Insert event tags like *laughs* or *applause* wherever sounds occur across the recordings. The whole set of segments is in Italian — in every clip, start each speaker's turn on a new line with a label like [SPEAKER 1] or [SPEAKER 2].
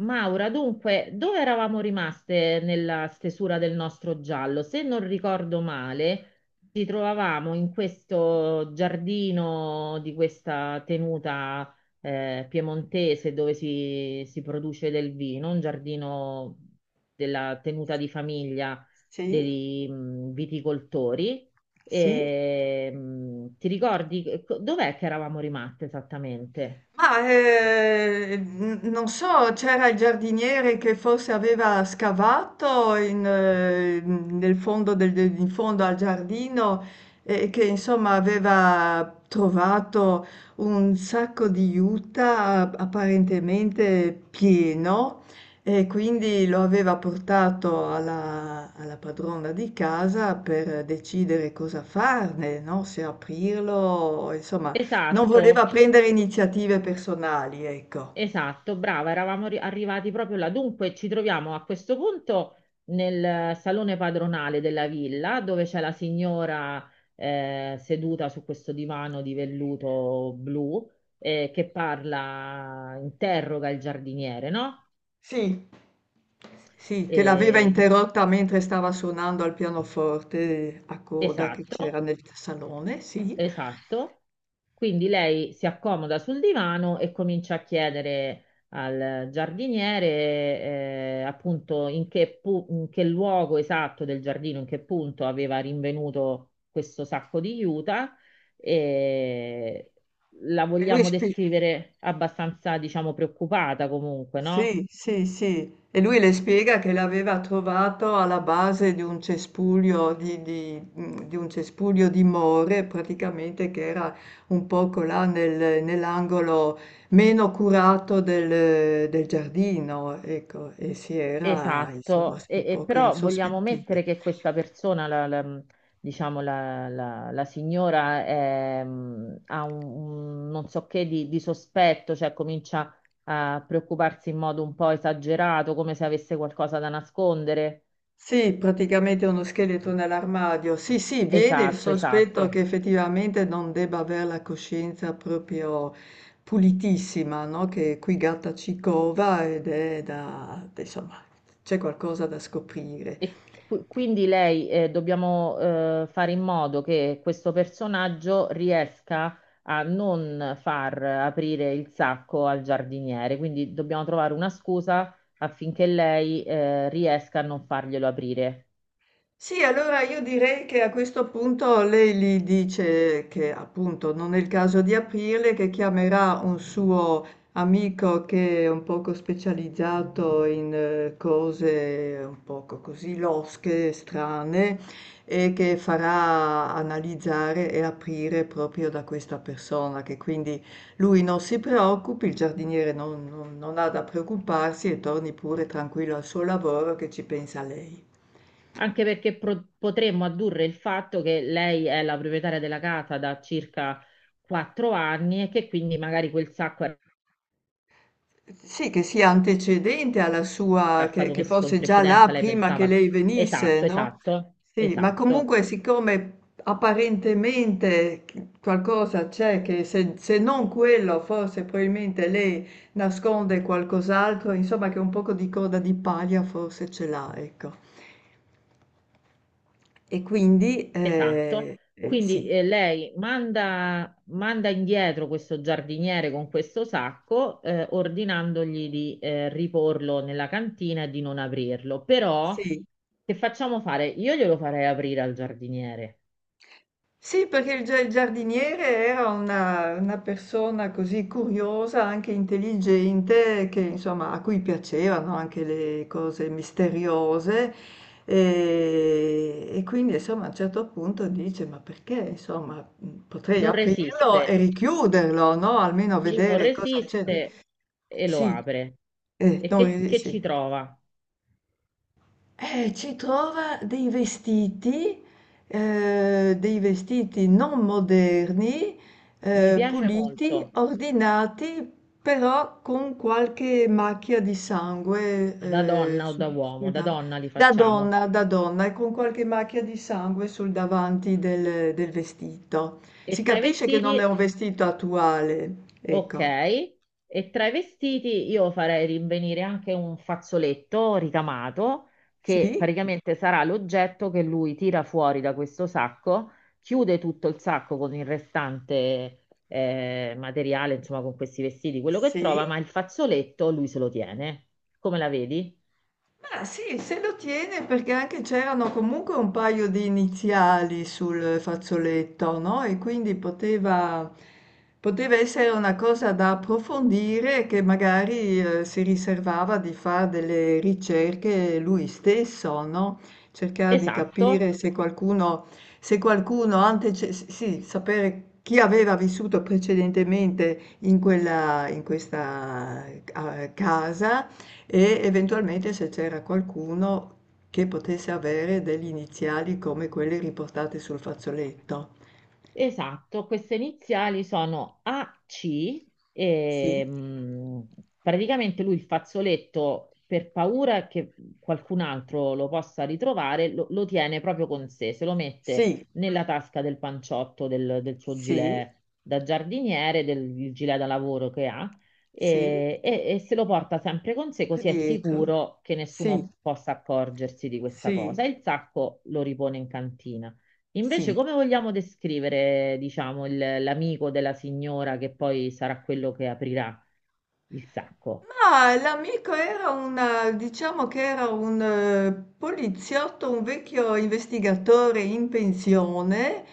[SPEAKER 1] Maura, dunque, dove eravamo rimaste nella stesura del nostro giallo? Se non ricordo male, ci trovavamo in questo giardino di questa tenuta piemontese dove si produce del vino, un giardino della tenuta di famiglia
[SPEAKER 2] Sì,
[SPEAKER 1] dei viticoltori.
[SPEAKER 2] sì.
[SPEAKER 1] E, ti ricordi dov'è che eravamo rimaste esattamente?
[SPEAKER 2] Ma non so, c'era il giardiniere che forse aveva scavato nel in fondo al giardino e che insomma aveva trovato un sacco di juta apparentemente pieno, e quindi lo aveva portato alla padrona di casa per decidere cosa farne, no? Se aprirlo, insomma. Non
[SPEAKER 1] Esatto.
[SPEAKER 2] voleva prendere iniziative personali, ecco.
[SPEAKER 1] Esatto, brava, eravamo arrivati proprio là. Dunque, ci troviamo a questo punto nel salone padronale della villa, dove c'è la signora seduta su questo divano di velluto blu, che parla, interroga il giardiniere, no?
[SPEAKER 2] Sì, sì, che l'aveva
[SPEAKER 1] Eh, gli-
[SPEAKER 2] interrotta mentre stava suonando al pianoforte a coda che
[SPEAKER 1] esatto,
[SPEAKER 2] c'era nel salone, sì.
[SPEAKER 1] esatto. Quindi lei si accomoda sul divano e comincia a chiedere al giardiniere appunto in che, in che luogo esatto del giardino, in che punto aveva rinvenuto questo sacco di juta. E la
[SPEAKER 2] E lui
[SPEAKER 1] vogliamo
[SPEAKER 2] spi
[SPEAKER 1] descrivere abbastanza, diciamo, preoccupata comunque, no?
[SPEAKER 2] Sì, sì, sì. E lui le spiega che l'aveva trovato alla base di un cespuglio di un cespuglio di more, praticamente, che era un poco là nell'angolo meno curato del giardino, ecco, e si era insomma
[SPEAKER 1] Esatto,
[SPEAKER 2] un
[SPEAKER 1] e
[SPEAKER 2] poco
[SPEAKER 1] però vogliamo
[SPEAKER 2] insospettito.
[SPEAKER 1] mettere che questa persona, diciamo la signora, è, ha un non so che di sospetto, cioè comincia a preoccuparsi in modo un po' esagerato, come se avesse qualcosa da nascondere.
[SPEAKER 2] Sì, praticamente uno scheletro nell'armadio. Sì, sì, viene il
[SPEAKER 1] Esatto,
[SPEAKER 2] sospetto che
[SPEAKER 1] esatto.
[SPEAKER 2] effettivamente non debba avere la coscienza proprio pulitissima, no? Che qui gatta ci cova, ed è da, insomma, c'è qualcosa da scoprire.
[SPEAKER 1] E quindi lei dobbiamo fare in modo che questo personaggio riesca a non far aprire il sacco al giardiniere, quindi dobbiamo trovare una scusa affinché lei riesca a non farglielo aprire.
[SPEAKER 2] Sì, allora io direi che a questo punto lei gli dice che appunto non è il caso di aprirle, che chiamerà un suo amico che è un poco specializzato in cose un poco così losche, strane, e che farà analizzare e aprire proprio da questa persona, che quindi lui non si preoccupi, il giardiniere non ha da preoccuparsi e torni pure tranquillo al suo lavoro, che ci pensa lei.
[SPEAKER 1] Anche perché potremmo addurre il fatto che lei è la proprietaria della casa da circa 4 anni e che quindi magari quel sacco era
[SPEAKER 2] Sì, che sia antecedente alla sua,
[SPEAKER 1] stato
[SPEAKER 2] che
[SPEAKER 1] messo in
[SPEAKER 2] fosse già là
[SPEAKER 1] precedenza, lei
[SPEAKER 2] prima che
[SPEAKER 1] pensava.
[SPEAKER 2] lei venisse,
[SPEAKER 1] Esatto,
[SPEAKER 2] no?
[SPEAKER 1] esatto,
[SPEAKER 2] Sì, ma
[SPEAKER 1] esatto.
[SPEAKER 2] comunque, siccome apparentemente qualcosa c'è, che se non quello, forse probabilmente lei nasconde qualcos'altro, insomma, che un poco di coda di paglia forse ce l'ha, ecco. E quindi,
[SPEAKER 1] Esatto,
[SPEAKER 2] eh, eh,
[SPEAKER 1] quindi
[SPEAKER 2] sì,
[SPEAKER 1] lei manda indietro questo giardiniere con questo sacco, ordinandogli di riporlo nella cantina e di non aprirlo. Però,
[SPEAKER 2] sì.
[SPEAKER 1] che facciamo fare? Io glielo farei aprire al giardiniere.
[SPEAKER 2] Sì, perché il giardiniere era una persona così curiosa, anche intelligente, che insomma, a cui piacevano anche le cose misteriose, e quindi insomma a un certo punto dice, ma perché insomma, potrei
[SPEAKER 1] Non
[SPEAKER 2] aprirlo
[SPEAKER 1] resiste,
[SPEAKER 2] e richiuderlo, no? Almeno
[SPEAKER 1] lui non
[SPEAKER 2] vedere cosa c'è.
[SPEAKER 1] resiste e lo
[SPEAKER 2] Sì,
[SPEAKER 1] apre. E
[SPEAKER 2] no,
[SPEAKER 1] che, che
[SPEAKER 2] Sì.
[SPEAKER 1] ci trova?
[SPEAKER 2] Ci trova dei vestiti non moderni,
[SPEAKER 1] Mi piace
[SPEAKER 2] puliti,
[SPEAKER 1] molto,
[SPEAKER 2] ordinati, però con qualche macchia di sangue,
[SPEAKER 1] da
[SPEAKER 2] eh,
[SPEAKER 1] donna o da
[SPEAKER 2] sul-
[SPEAKER 1] uomo,
[SPEAKER 2] sul
[SPEAKER 1] da
[SPEAKER 2] dav-
[SPEAKER 1] donna li facciamo.
[SPEAKER 2] da donna, e con qualche macchia di sangue sul davanti del vestito.
[SPEAKER 1] E
[SPEAKER 2] Si
[SPEAKER 1] tra i
[SPEAKER 2] capisce che
[SPEAKER 1] vestiti,
[SPEAKER 2] non è un vestito attuale,
[SPEAKER 1] ok,
[SPEAKER 2] ecco.
[SPEAKER 1] e tra i vestiti io farei rinvenire anche un fazzoletto ricamato che
[SPEAKER 2] Sì,
[SPEAKER 1] praticamente sarà l'oggetto che lui tira fuori da questo sacco, chiude tutto il sacco con il restante materiale, insomma con questi vestiti, quello che
[SPEAKER 2] sì.
[SPEAKER 1] trova, ma il fazzoletto lui se lo tiene. Come la vedi?
[SPEAKER 2] Ma sì, se lo tiene perché anche c'erano comunque un paio di iniziali sul fazzoletto, no? E quindi poteva, poteva essere una cosa da approfondire, che magari si riservava di fare delle ricerche lui stesso, no? Cercare di
[SPEAKER 1] Esatto.
[SPEAKER 2] capire se qualcuno, sì, sapere chi aveva vissuto precedentemente in questa casa, e eventualmente se c'era qualcuno che potesse avere delle iniziali come quelle riportate sul fazzoletto.
[SPEAKER 1] Esatto, queste iniziali sono AC e
[SPEAKER 2] Sì,
[SPEAKER 1] praticamente lui il fazzoletto per paura che qualcun altro lo possa ritrovare, lo tiene proprio con sé, se lo mette
[SPEAKER 2] sì,
[SPEAKER 1] nella tasca del panciotto del suo
[SPEAKER 2] sì,
[SPEAKER 1] gilet da giardiniere, del il gilet da lavoro che ha
[SPEAKER 2] sì,
[SPEAKER 1] e se lo porta sempre con sé così è
[SPEAKER 2] dietro.
[SPEAKER 1] sicuro che
[SPEAKER 2] Sì,
[SPEAKER 1] nessuno possa accorgersi di questa
[SPEAKER 2] sì,
[SPEAKER 1] cosa. E il sacco lo ripone in cantina. Invece,
[SPEAKER 2] sì.
[SPEAKER 1] come vogliamo descrivere, diciamo, l'amico della signora che poi sarà quello che aprirà il sacco?
[SPEAKER 2] Ma l'amico era una, diciamo che era un poliziotto, un vecchio investigatore in pensione,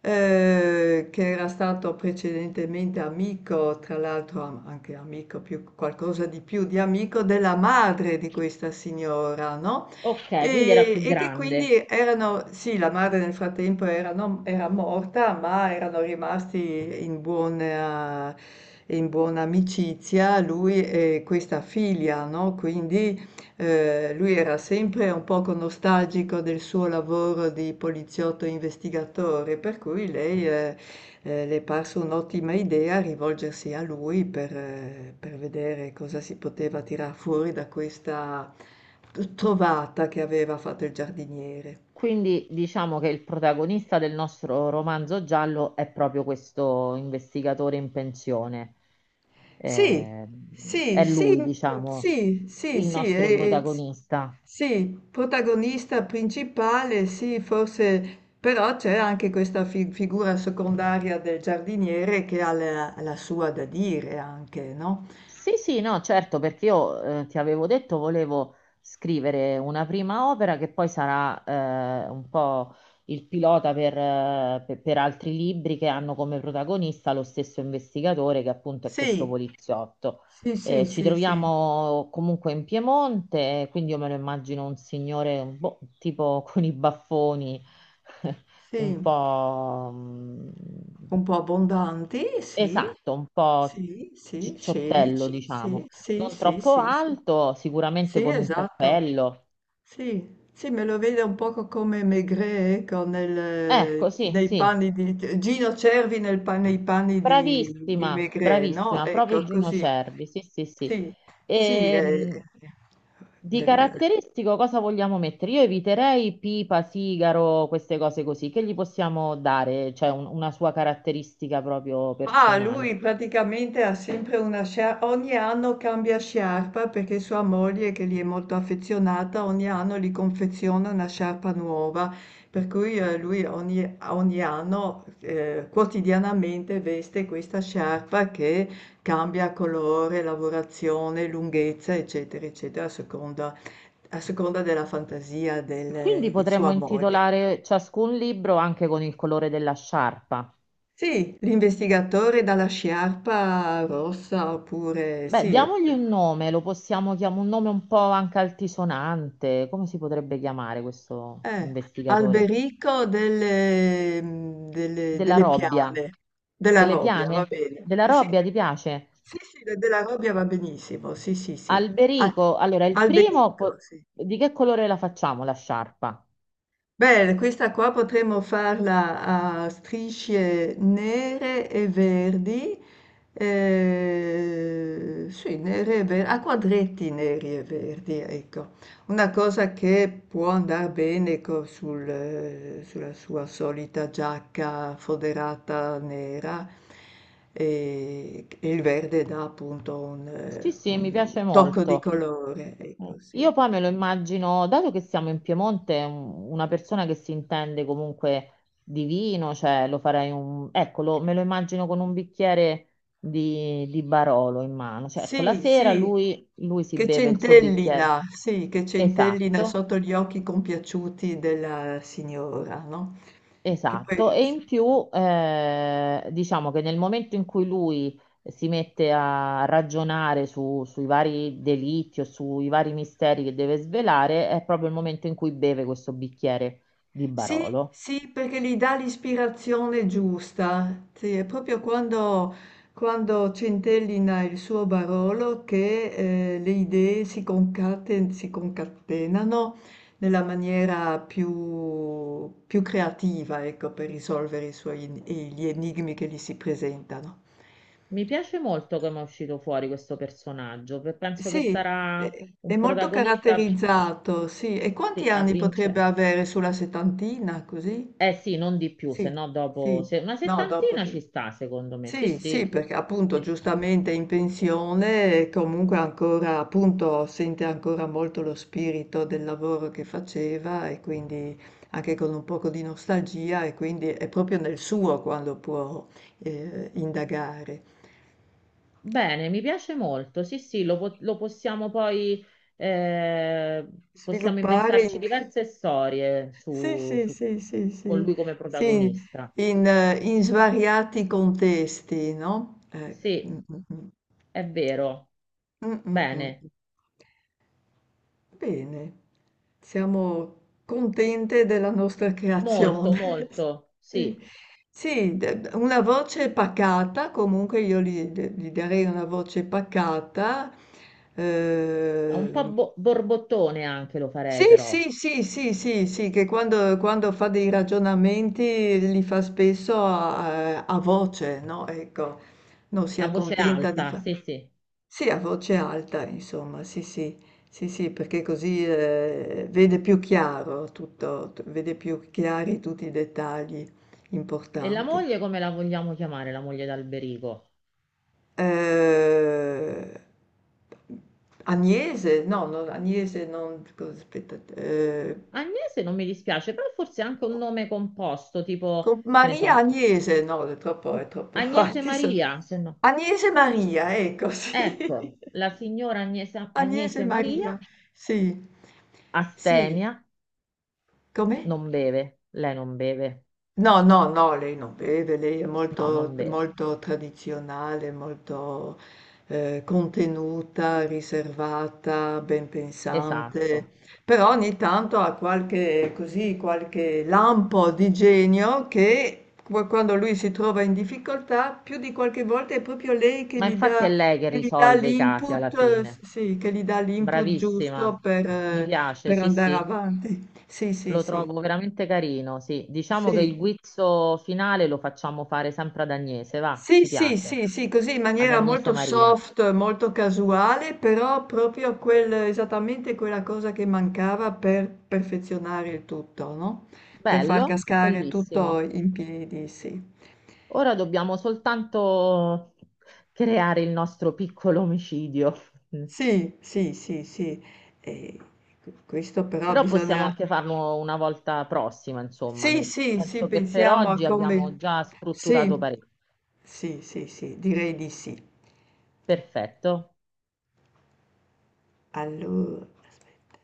[SPEAKER 2] che era stato precedentemente amico, tra l'altro anche amico, più, qualcosa di più di amico della madre di questa signora, no?
[SPEAKER 1] Ok, quindi era più
[SPEAKER 2] E che
[SPEAKER 1] grande.
[SPEAKER 2] quindi erano, sì, la madre nel frattempo era morta, ma erano rimasti in buona amicizia lui e questa figlia, no? Quindi lui era sempre un poco nostalgico del suo lavoro di poliziotto investigatore, per cui lei... le è parso un'ottima idea rivolgersi a lui per vedere cosa si poteva tirar fuori da questa t trovata che aveva fatto il giardiniere.
[SPEAKER 1] Quindi diciamo che il protagonista del nostro romanzo giallo è proprio questo investigatore in pensione.
[SPEAKER 2] Sì,
[SPEAKER 1] Eh,
[SPEAKER 2] sì,
[SPEAKER 1] è
[SPEAKER 2] sì,
[SPEAKER 1] lui, diciamo,
[SPEAKER 2] sì, sì,
[SPEAKER 1] il
[SPEAKER 2] sì,
[SPEAKER 1] nostro
[SPEAKER 2] e s
[SPEAKER 1] protagonista.
[SPEAKER 2] sì, protagonista principale, sì, forse però c'è anche questa fi figura secondaria del giardiniere, che ha la sua da dire anche, no?
[SPEAKER 1] Sì, sì, no, certo, perché io ti avevo detto volevo scrivere una prima opera che poi sarà un po' il pilota per, per altri libri che hanno come protagonista lo stesso investigatore che appunto è questo
[SPEAKER 2] Sì,
[SPEAKER 1] poliziotto.
[SPEAKER 2] sì, sì,
[SPEAKER 1] Ci
[SPEAKER 2] sì, sì.
[SPEAKER 1] troviamo comunque in Piemonte, quindi io me lo immagino un signore boh, tipo con i baffoni *laughs*
[SPEAKER 2] Sì,
[SPEAKER 1] un po'
[SPEAKER 2] un po' abbondanti, sì,
[SPEAKER 1] esatto, un po'
[SPEAKER 2] sì, sì,
[SPEAKER 1] cicciottello,
[SPEAKER 2] scenici, sì,
[SPEAKER 1] diciamo,
[SPEAKER 2] sì,
[SPEAKER 1] non
[SPEAKER 2] sì,
[SPEAKER 1] troppo
[SPEAKER 2] sì, sì,
[SPEAKER 1] alto, sicuramente
[SPEAKER 2] sì,
[SPEAKER 1] con un
[SPEAKER 2] esatto,
[SPEAKER 1] cappello.
[SPEAKER 2] sì, sì, me lo vedo un poco come Maigret, ecco,
[SPEAKER 1] Ecco, sì,
[SPEAKER 2] nei
[SPEAKER 1] sì,
[SPEAKER 2] panni di, Gino Cervi nei panni di
[SPEAKER 1] bravissima,
[SPEAKER 2] Maigret, no?
[SPEAKER 1] bravissima,
[SPEAKER 2] Ecco,
[SPEAKER 1] proprio Gino
[SPEAKER 2] così,
[SPEAKER 1] Cervi, sì, sì, sì.
[SPEAKER 2] sì, sì,
[SPEAKER 1] Ehm, di
[SPEAKER 2] del-
[SPEAKER 1] caratteristico cosa vogliamo mettere? Io eviterei pipa, sigaro, queste cose così, che gli possiamo dare, cioè una sua caratteristica proprio
[SPEAKER 2] mah,
[SPEAKER 1] personale.
[SPEAKER 2] lui praticamente ha sempre una scia ogni anno cambia sciarpa, perché sua moglie, che gli è molto affezionata, ogni anno gli confeziona una sciarpa nuova, per cui lui ogni anno quotidianamente veste questa sciarpa, che cambia colore, lavorazione, lunghezza, eccetera, eccetera, a seconda della fantasia
[SPEAKER 1] Quindi
[SPEAKER 2] di sua
[SPEAKER 1] potremmo
[SPEAKER 2] moglie.
[SPEAKER 1] intitolare ciascun libro anche con il colore della sciarpa.
[SPEAKER 2] Sì, l'investigatore dalla sciarpa rossa, oppure
[SPEAKER 1] Beh,
[SPEAKER 2] sì,
[SPEAKER 1] diamogli un nome, lo possiamo chiamare un nome un po' anche altisonante. Come si potrebbe chiamare questo
[SPEAKER 2] eh,
[SPEAKER 1] investigatore?
[SPEAKER 2] Alberico
[SPEAKER 1] Della
[SPEAKER 2] delle
[SPEAKER 1] Robbia.
[SPEAKER 2] Piane, della
[SPEAKER 1] Delle
[SPEAKER 2] Robbia, va
[SPEAKER 1] piane?
[SPEAKER 2] bene.
[SPEAKER 1] Della
[SPEAKER 2] Sì,
[SPEAKER 1] Robbia, ti piace?
[SPEAKER 2] sì, sì, della Robbia va benissimo, sì, sì, sì. Ah,
[SPEAKER 1] Alberico. Allora, il primo,
[SPEAKER 2] Alberico, sì.
[SPEAKER 1] di che colore la facciamo la sciarpa?
[SPEAKER 2] Beh, questa qua potremmo farla a strisce nere e verdi, sì, nere e verdi, a quadretti neri e verdi, ecco. Una cosa che può andare bene sul, sulla sua solita giacca foderata nera, e il verde dà appunto
[SPEAKER 1] Sì, sì, mi
[SPEAKER 2] un
[SPEAKER 1] piace
[SPEAKER 2] tocco di
[SPEAKER 1] molto.
[SPEAKER 2] colore,
[SPEAKER 1] Mm.
[SPEAKER 2] ecco, sì.
[SPEAKER 1] Io poi me lo immagino, dato che siamo in Piemonte, una persona che si intende comunque di vino, cioè lo farei un... Ecco, me lo immagino con un bicchiere di Barolo in mano, cioè ecco, la
[SPEAKER 2] Sì,
[SPEAKER 1] sera lui si beve il suo bicchiere.
[SPEAKER 2] sì, che centellina
[SPEAKER 1] Esatto,
[SPEAKER 2] sotto gli occhi compiaciuti della signora, no? Che
[SPEAKER 1] esatto,
[SPEAKER 2] poi,
[SPEAKER 1] e in più diciamo che nel momento in cui lui si mette a ragionare sui vari delitti o sui vari misteri che deve svelare, è proprio il momento in cui beve questo bicchiere di
[SPEAKER 2] sì,
[SPEAKER 1] Barolo.
[SPEAKER 2] sì, perché gli dà l'ispirazione giusta. Sì, è proprio quando, quando centellina il suo Barolo che le idee si concatenano nella maniera più, più creativa, ecco, per risolvere i suoi, gli enigmi che gli si presentano.
[SPEAKER 1] Mi piace molto come è uscito fuori questo personaggio, penso che
[SPEAKER 2] Sì,
[SPEAKER 1] sarà
[SPEAKER 2] è
[SPEAKER 1] un
[SPEAKER 2] molto
[SPEAKER 1] protagonista
[SPEAKER 2] caratterizzato, sì. E
[SPEAKER 1] sì,
[SPEAKER 2] quanti anni potrebbe
[SPEAKER 1] avvincente.
[SPEAKER 2] avere, sulla settantina, così?
[SPEAKER 1] Eh sì, non di più, se
[SPEAKER 2] Sì,
[SPEAKER 1] no dopo
[SPEAKER 2] sì.
[SPEAKER 1] una
[SPEAKER 2] No, dopo
[SPEAKER 1] settantina
[SPEAKER 2] di...
[SPEAKER 1] ci sta, secondo me. Sì,
[SPEAKER 2] Sì, sì,
[SPEAKER 1] sì.
[SPEAKER 2] perché appunto, giustamente, in pensione, e comunque ancora, appunto, sente ancora molto lo spirito del lavoro che faceva, e quindi anche con un poco di nostalgia, e quindi è proprio nel suo quando può indagare.
[SPEAKER 1] Bene, mi piace molto. Sì, sì, lo possiamo poi, eh, possiamo
[SPEAKER 2] Sviluppare
[SPEAKER 1] inventarci
[SPEAKER 2] in-
[SPEAKER 1] diverse storie
[SPEAKER 2] Sì, sì, sì, sì,
[SPEAKER 1] con
[SPEAKER 2] sì,
[SPEAKER 1] lui come
[SPEAKER 2] sì,
[SPEAKER 1] protagonista.
[SPEAKER 2] in svariati contesti, no?
[SPEAKER 1] Sì,
[SPEAKER 2] Mm, mm, mm.
[SPEAKER 1] è vero.
[SPEAKER 2] Mm, mm,
[SPEAKER 1] Bene,
[SPEAKER 2] mm. Bene, siamo contente della nostra
[SPEAKER 1] molto,
[SPEAKER 2] creazione. *laughs*
[SPEAKER 1] molto.
[SPEAKER 2] Sì,
[SPEAKER 1] Sì,
[SPEAKER 2] sì, una voce pacata, comunque io gli, gli darei una voce pacata,
[SPEAKER 1] è un po'
[SPEAKER 2] eh.
[SPEAKER 1] borbottone anche lo
[SPEAKER 2] Sì,
[SPEAKER 1] farei però,
[SPEAKER 2] sì, sì, sì, sì, sì, che quando, quando fa dei ragionamenti li fa spesso a voce, no? Ecco, non si
[SPEAKER 1] a voce
[SPEAKER 2] accontenta di
[SPEAKER 1] alta.
[SPEAKER 2] fare...
[SPEAKER 1] Sì, sì.
[SPEAKER 2] Sì, a voce alta, insomma, sì, sì, sì, sì, perché così vede più chiaro tutto, vede più chiari tutti i dettagli
[SPEAKER 1] E la
[SPEAKER 2] importanti.
[SPEAKER 1] moglie come la vogliamo chiamare, la moglie d'Alberico?
[SPEAKER 2] Eh, Agnese, no, non, Agnese, non, aspetta,
[SPEAKER 1] Agnese non mi dispiace, però forse anche un nome composto, tipo,
[SPEAKER 2] con
[SPEAKER 1] che ne
[SPEAKER 2] Maria
[SPEAKER 1] so.
[SPEAKER 2] Agnese, no, è troppo *laughs*
[SPEAKER 1] Agnese
[SPEAKER 2] avanti.
[SPEAKER 1] Maria, se no.
[SPEAKER 2] Agnese Maria, ecco, sì.
[SPEAKER 1] Ecco, la
[SPEAKER 2] *laughs*
[SPEAKER 1] signora Agnese,
[SPEAKER 2] Agnese
[SPEAKER 1] Agnese
[SPEAKER 2] Maria,
[SPEAKER 1] Maria,
[SPEAKER 2] sì. Sì,
[SPEAKER 1] astemia,
[SPEAKER 2] come?
[SPEAKER 1] non beve. Lei non beve.
[SPEAKER 2] No, no, no, lei non beve, lei è
[SPEAKER 1] No,
[SPEAKER 2] molto,
[SPEAKER 1] non beve.
[SPEAKER 2] molto tradizionale, molto contenuta, riservata, ben pensante,
[SPEAKER 1] Esatto.
[SPEAKER 2] però ogni tanto ha qualche, così, qualche lampo di genio, che quando lui si trova in difficoltà, più di qualche volta è proprio lei
[SPEAKER 1] Ma infatti è lei che
[SPEAKER 2] che gli dà
[SPEAKER 1] risolve i casi alla
[SPEAKER 2] l'input,
[SPEAKER 1] fine.
[SPEAKER 2] sì, che gli dà l'input
[SPEAKER 1] Bravissima.
[SPEAKER 2] giusto
[SPEAKER 1] Mi piace,
[SPEAKER 2] per
[SPEAKER 1] sì,
[SPEAKER 2] andare
[SPEAKER 1] sì.
[SPEAKER 2] avanti. Sì, sì,
[SPEAKER 1] Lo
[SPEAKER 2] sì,
[SPEAKER 1] trovo veramente carino, sì. Diciamo che il
[SPEAKER 2] sì.
[SPEAKER 1] guizzo finale lo facciamo fare sempre ad Agnese, va,
[SPEAKER 2] Sì,
[SPEAKER 1] ci
[SPEAKER 2] sì,
[SPEAKER 1] piace.
[SPEAKER 2] sì, sì, così in
[SPEAKER 1] Ad
[SPEAKER 2] maniera
[SPEAKER 1] Agnese
[SPEAKER 2] molto
[SPEAKER 1] Maria.
[SPEAKER 2] soft, molto casuale, però proprio quel, esattamente quella cosa che mancava per perfezionare il tutto, no? Per far
[SPEAKER 1] Bello,
[SPEAKER 2] cascare tutto
[SPEAKER 1] bellissimo.
[SPEAKER 2] in piedi, sì.
[SPEAKER 1] Ora dobbiamo soltanto creare il nostro piccolo omicidio, mm.
[SPEAKER 2] Sì, sì, sì, sì. E questo però
[SPEAKER 1] Però possiamo
[SPEAKER 2] bisogna...
[SPEAKER 1] anche farlo una volta prossima, insomma.
[SPEAKER 2] Sì, sì, sì,
[SPEAKER 1] Penso che per
[SPEAKER 2] pensiamo a
[SPEAKER 1] oggi abbiamo
[SPEAKER 2] come...
[SPEAKER 1] già
[SPEAKER 2] Sì,
[SPEAKER 1] strutturato parecchio.
[SPEAKER 2] sì, sì, sì, direi di sì.
[SPEAKER 1] Perfetto.
[SPEAKER 2] Allora, aspetta.